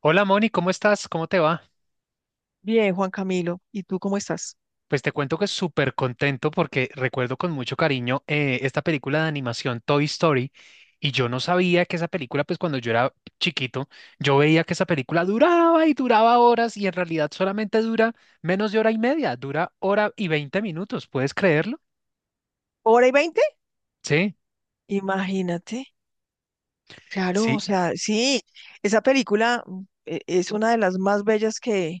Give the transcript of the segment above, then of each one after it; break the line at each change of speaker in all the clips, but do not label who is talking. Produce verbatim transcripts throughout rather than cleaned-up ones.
Hola Moni, ¿cómo estás? ¿Cómo te va?
Bien, Juan Camilo, ¿y tú cómo estás?
Pues te cuento que súper contento porque recuerdo con mucho cariño eh, esta película de animación Toy Story y yo no sabía que esa película, pues cuando yo era chiquito, yo veía que esa película duraba y duraba horas y en realidad solamente dura menos de hora y media, dura hora y veinte minutos, ¿puedes creerlo?
¿Hora y veinte?
Sí,
Imagínate. Claro,
sí,
o sea, sí, esa película mm, e- es una de las más bellas que,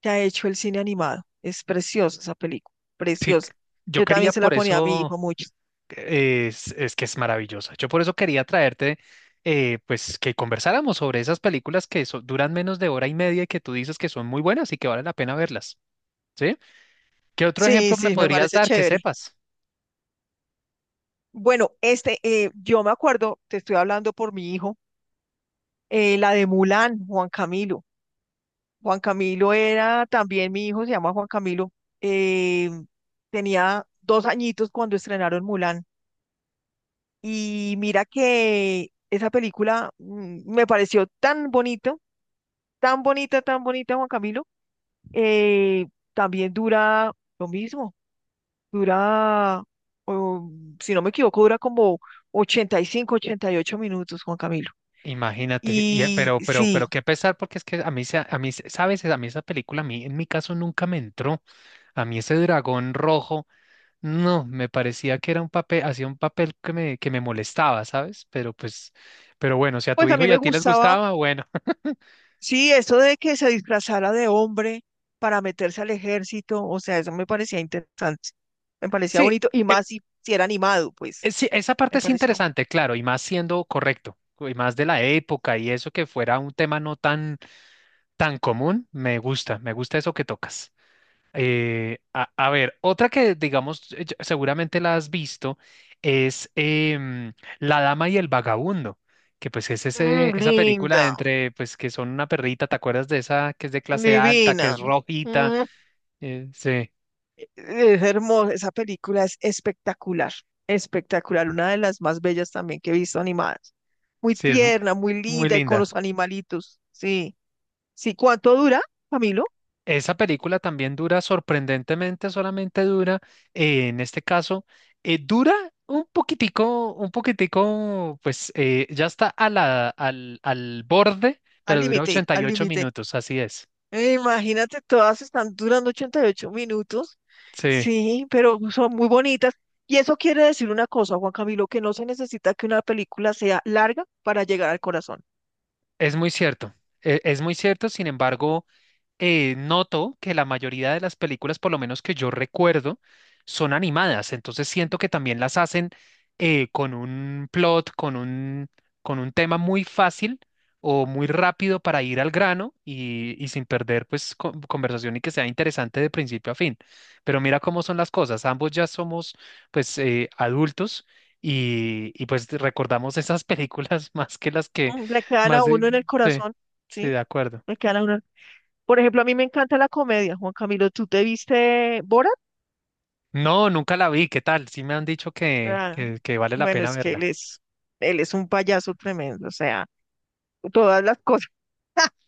que ha hecho el cine animado. Es preciosa esa película,
sí.
preciosa.
Yo
Yo también
quería
se la
por
ponía a mi
eso...
hijo mucho.
Es, es que es maravillosa. Yo por eso quería traerte, eh, pues, que conversáramos sobre esas películas que so- duran menos de hora y media y que tú dices que son muy buenas y que vale la pena verlas, ¿sí? ¿Qué otro
Sí,
ejemplo me
sí, me
podrías
parece
dar que
chévere.
sepas?
Bueno, este, eh, yo me acuerdo, te estoy hablando por mi hijo, eh, la de Mulan, Juan Camilo. Juan Camilo era también mi hijo, se llama Juan Camilo. eh, tenía dos añitos cuando estrenaron Mulan. Y mira que esa película mm, me pareció tan bonito, tan bonita, tan bonita, Juan Camilo. eh, también dura lo mismo, dura, oh, si no me equivoco, dura como ochenta ochenta y cinco, ochenta y ocho minutos, Juan Camilo.
Imagínate, y, eh,
Y
pero, pero,
sí,
pero qué pesar, porque es que a mí, se- a mí, se- sabes, a mí esa película, a mí, en mi caso nunca me entró. A mí ese dragón rojo, no, me parecía que era un papel, hacía un papel que me, que me molestaba, ¿sabes? Pero pues, pero bueno, si a tu
pues a
hijo
mí
y
me
a ti les
gustaba,
gustaba, bueno.
sí, eso de que se disfrazara de hombre para meterse al ejército, o sea, eso me parecía interesante, me parecía
Sí,
bonito, y
eh,
más si, si era animado, pues,
Eh, sí, esa parte
me
es
pareció.
interesante, claro, y más siendo correcto, y más de la época y eso que fuera un tema no tan, tan común, me gusta, me gusta eso que tocas. Eh, a, a ver, otra que digamos, eh, yo- seguramente la has visto, es em, La Dama y el Vagabundo, que pues es ese,
Mm,
esa película
linda,
entre, pues que son una perrita, ¿te acuerdas de esa que es de clase alta, que
divina.
es rojita?
Mm,
Eh, sí,
es hermosa, esa película es espectacular, espectacular, una de las más bellas también que he visto animadas. Muy
sí, es mu-
tierna, muy
muy
linda y con
linda.
los animalitos. Sí, sí, ¿cuánto dura, Camilo?
Esa película también dura sorprendentemente, solamente dura, eh, en este caso, eh, dura un poquitico, un poquitico, pues eh, ya está a la, al, al borde,
Al
pero dura
límite,
ochenta y
al
ocho
límite.
minutos, así es.
Eh, Imagínate, todas están durando ochenta y ocho minutos.
Sí,
Sí, pero son muy bonitas. Y eso quiere decir una cosa, Juan Camilo, que no se necesita que una película sea larga para llegar al corazón.
es muy cierto. e- Es muy cierto, sin embargo, eh, noto que la mayoría de las películas, por lo menos que yo recuerdo, son animadas. Entonces siento que también las hacen eh, con un plot, con un, con un tema muy fácil o muy rápido para ir al grano y, y sin perder pues con- conversación y que sea interesante de principio a fin. Pero mira cómo son las cosas. Ambos ya somos pues eh, adultos. Y, y pues recordamos esas películas más que las que
Mm, Le quedan a
más... eh,
uno en el
sí,
corazón,
sí, de
¿sí?
acuerdo.
Le quedan a uno. Por ejemplo, a mí me encanta la comedia, Juan Camilo. ¿Tú te viste Borat?
No, nunca la vi. ¿Qué tal? Sí me han dicho que,
Ah,
que, que vale la
bueno,
pena
es que él
verla.
es, él es un payaso tremendo, o sea, todas las cosas.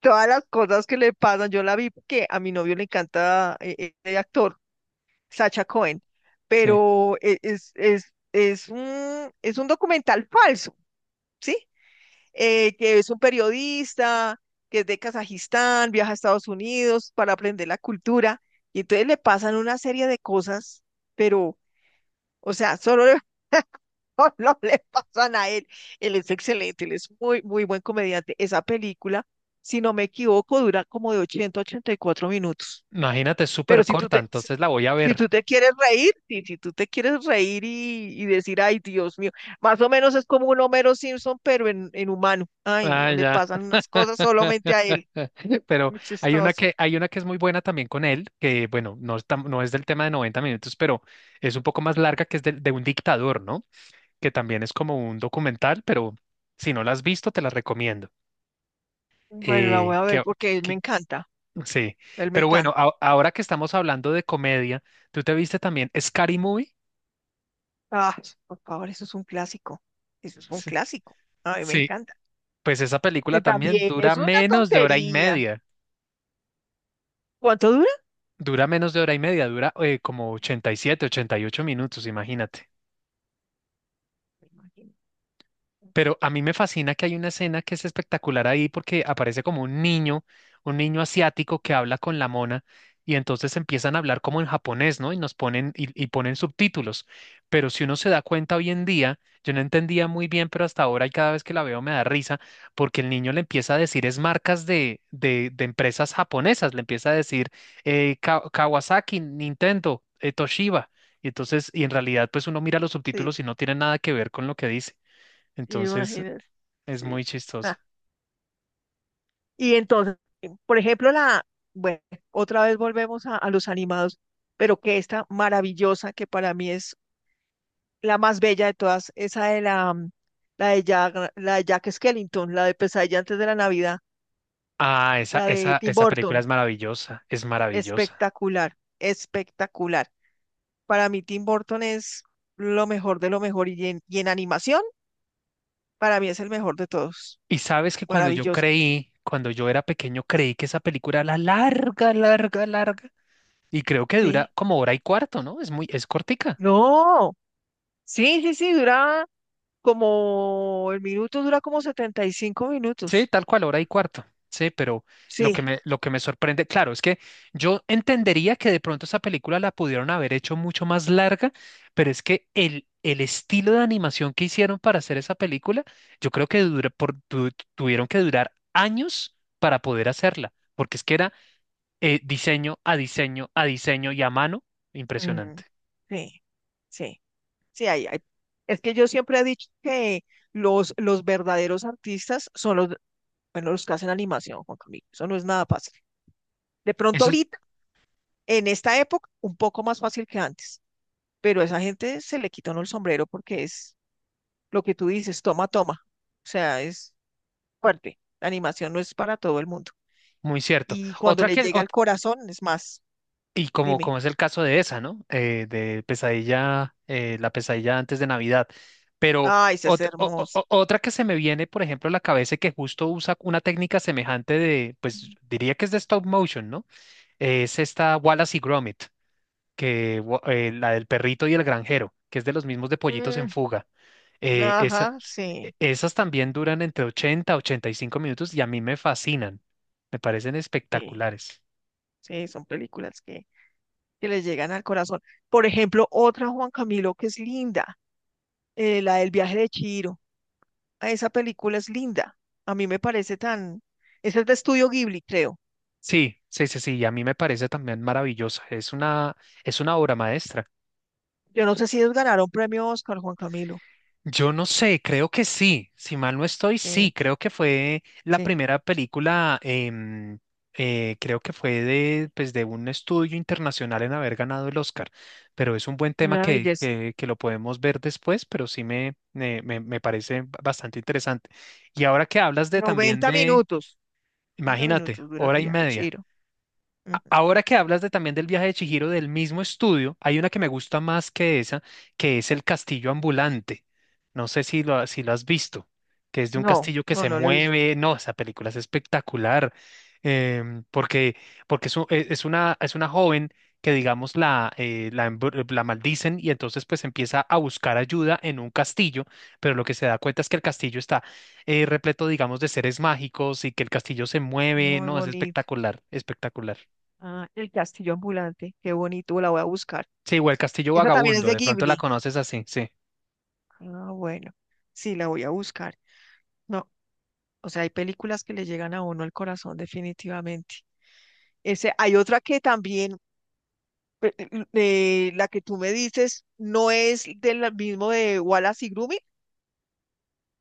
Todas las cosas que le pasan, yo la vi porque a mi novio le encanta eh, eh, el actor. Sacha Cohen,
Sí.
pero e- es, es, es un, es un documental falso, ¿sí? Eh, que es un periodista que es de Kazajistán, viaja a Estados Unidos para aprender la cultura, y entonces le pasan una serie de cosas, pero, o sea, solo le, solo le pasan a él. Él es excelente, él es muy, muy buen comediante. Esa película, si no me equivoco, dura como de ochenta a ochenta y cuatro minutos.
Imagínate, es
Pero
súper
si tú
corta,
te, si
entonces la voy a
si
ver.
tú te quieres reír, si, si tú te quieres reír y, y decir, ay, Dios mío, más o menos es como un Homero Simpson, pero en, en humano. Ay,
Ah,
no le
ya.
pasan unas cosas solamente a él.
Pero
Muy
hay una
chistoso.
que, hay una que es muy buena también con él, que bueno, no es, tam- no es del tema de noventa minutos, pero es un poco más larga, que es del- de, un dictador, ¿no? Que también es como un documental, pero si no la has visto, te la recomiendo.
Bueno, la voy
Eh,
a
que,
ver porque él me
que-
encanta.
sí.
Él me
Pero bueno,
encanta.
a- ahora que estamos hablando de comedia, ¿tú te viste también Scary Movie?
Ah, por favor, eso es un clásico. Eso es un
Sí.
clásico. A mí me
Sí,
encanta.
pues esa
Y
película también
también
dura
es una
menos de hora y
tontería.
media.
¿Cuánto dura?
Dura menos de hora y media, dura eh, como ochenta y siete, ochenta y ocho minutos, imagínate.
Me imagino.
Pero a mí me fascina que hay una escena que es espectacular ahí porque aparece como un niño, un niño asiático que habla con la mona y entonces empiezan a hablar como en japonés, ¿no? Y nos ponen y, y ponen subtítulos. Pero si uno se da cuenta hoy en día, yo no entendía muy bien, pero hasta ahora y cada vez que la veo me da risa porque el niño le empieza a decir es marcas de, de, de empresas japonesas, le empieza a decir eh, Ka- Kawasaki, Nintendo, eh, Toshiba. Y entonces, y en realidad, pues uno mira los
Sí,
subtítulos y no tiene nada que ver con lo que dice. Entonces
imagínate.
es
Sí.
muy chistoso.
Y entonces, por ejemplo, la, bueno, otra vez volvemos a, a los animados, pero que esta maravillosa, que para mí es la más bella de todas, esa de la, mm, la de Jack, la de Jack Skellington, la de Pesadilla antes de la Navidad,
Ah, esa,
la de
esa,
Tim
esa película
Burton,
es maravillosa, es maravillosa.
espectacular, espectacular. Para mí Tim Burton es lo mejor de lo mejor y en, y en animación, para mí es el mejor de todos.
Y sabes que cuando yo
Maravilloso.
creí, cuando yo era pequeño, creí que esa película era larga, larga, larga. Y creo que dura
Sí.
como hora y cuarto, ¿no? Es muy, es cortica.
No, sí, sí, sí, dura como el minuto dura como setenta y cinco
Sí,
minutos.
tal cual, hora y cuarto. Sí, pero lo
Sí.
que me, lo que me sorprende, claro, es que yo entendería que de pronto esa película la pudieron haber hecho mucho más larga, pero es que el, el estilo de animación que hicieron para hacer esa película, yo creo que dura- por- tu- tuvieron que durar años para poder hacerla, porque es que era eh, diseño a diseño a diseño y a mano,
Mm,
impresionante.
sí, sí, sí, hay, hay. Es que yo siempre he dicho que los, los verdaderos artistas son los, bueno, los que hacen animación, Juan Camilo. Eso no es nada fácil. De pronto
Eso es
ahorita, en esta época, un poco más fácil que antes, pero a esa gente se le quitó el sombrero porque es lo que tú dices, toma, toma. O sea, es fuerte. La animación no es para todo el mundo.
muy cierto.
Y cuando
Otra
le
que,
llega al
ot-
corazón, es más.
Y como,
Dime.
como es el caso de esa, ¿no? Eh, de pesadilla, eh, la pesadilla antes de Navidad. Pero
Ay, se hace
ot- o- o-
hermoso.
o- otra que se me viene, por ejemplo, a la cabeza y que justo usa una técnica semejante de, pues diría que es de stop motion, ¿no? Eh, es esta Wallace y Gromit, que, wa- eh, la del perrito y el granjero, que es de los mismos de Pollitos en
Mm,
Fuga. Eh, esa-
ajá,
e-
sí,
Esas también duran entre ochenta a ochenta y cinco minutos y a mí me fascinan. Me parecen
sí,
espectaculares.
sí, son películas que, que les llegan al corazón. Por ejemplo, otra Juan Camilo que es linda, eh, la del viaje de Chihiro. Ah, esa película es linda. A mí me parece tan... Esa es de Estudio Ghibli, creo.
Sí, sí, sí, sí, y a mí me parece también maravillosa. Es una, es una obra maestra.
Yo no sé si ellos ganaron premio Oscar, Juan Camilo.
Yo no sé, creo que sí, si mal no estoy, sí,
Sí,
creo que fue la
sí,
primera película, em, eh, creo que fue de, pues, de un estudio internacional en haber ganado el Oscar, pero es un buen tema
una
que,
belleza.
que, que lo podemos ver después, pero sí me, me, me me parece bastante interesante. Y ahora que hablas de también
Noventa
de,
minutos. Noventa
imagínate,
minutos dura el
hora y
viaje de
media.
Chihiro. Ujú.
Ahora que hablas de, también del viaje de Chihiro del mismo estudio, hay una que me gusta más que esa, que es el castillo ambulante. No sé si lo, si lo has visto, que es de un
No,
castillo que
no,
se
no lo he visto.
mueve. No, esa película es espectacular, em, porque, porque es, u- e- es una, es una joven que, digamos, la, eh, la, embru- la maldicen y entonces pues empieza a buscar ayuda en un castillo, pero lo que se da cuenta es que el castillo está eh, repleto, digamos, de seres mágicos y que el castillo se mueve.
Muy
No, es
bonito.
espectacular, espectacular.
Ah, el castillo ambulante, qué bonito, la voy a buscar.
Sí, o el Castillo
Esa también es
Vagabundo,
de
de pronto la
Ghibli.
conoces así, sí.
Ah, bueno, sí, la voy a buscar. No, o sea, hay películas que le llegan a uno al corazón definitivamente. Ese, hay otra que también, pe- l- eh, la que tú me dices, no es del mismo de Wallace y Grumit,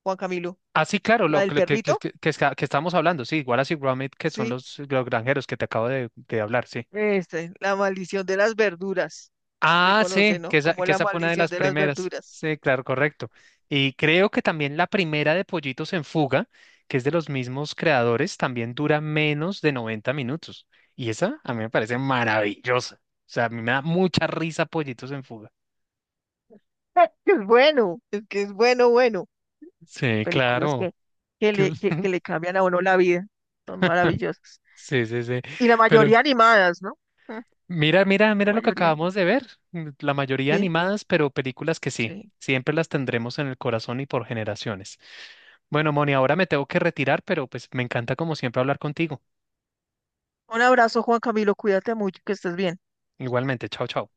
Juan Camilo,
Así, claro,
la
lo
del
que, que, que,
perrito,
que, que está- que estábamos hablando, sí, Wallace y Gromit, que son
sí,
los, los granjeros que te acabo de, de hablar, sí.
este, la maldición de las verduras, se
Ah,
conoce,
sí, que
¿no?
esa,
Como
que
la
esa fue una de
maldición
las
de las
primeras.
verduras.
Sí, claro, correcto. Y creo que también la primera de Pollitos en Fuga, que es de los mismos creadores, también dura menos de noventa minutos. Y esa a mí me parece maravillosa. O sea, a mí me da mucha risa Pollitos en Fuga.
Es es bueno, es que es bueno, bueno.
Sí,
Películas
claro.
que, que le,
que-
que, que le cambian a uno la vida. Son maravillosas.
Sí, sí, sí.
Y la
Pero
mayoría animadas, ¿no? Mm, la
mira, mira, mira lo que
mayoría. anim-
acabamos de ver. mm, La mayoría
Sí,
animadas, pero películas que sí,
sí.
siempre las tendremos en el corazón y por generaciones. Bueno, Moni, ahora me tengo que retirar, pero pues me encanta como siempre hablar contigo.
Un abrazo, Juan Camilo. Cuídate mucho, que estés bien.
Igualmente, chao, chao.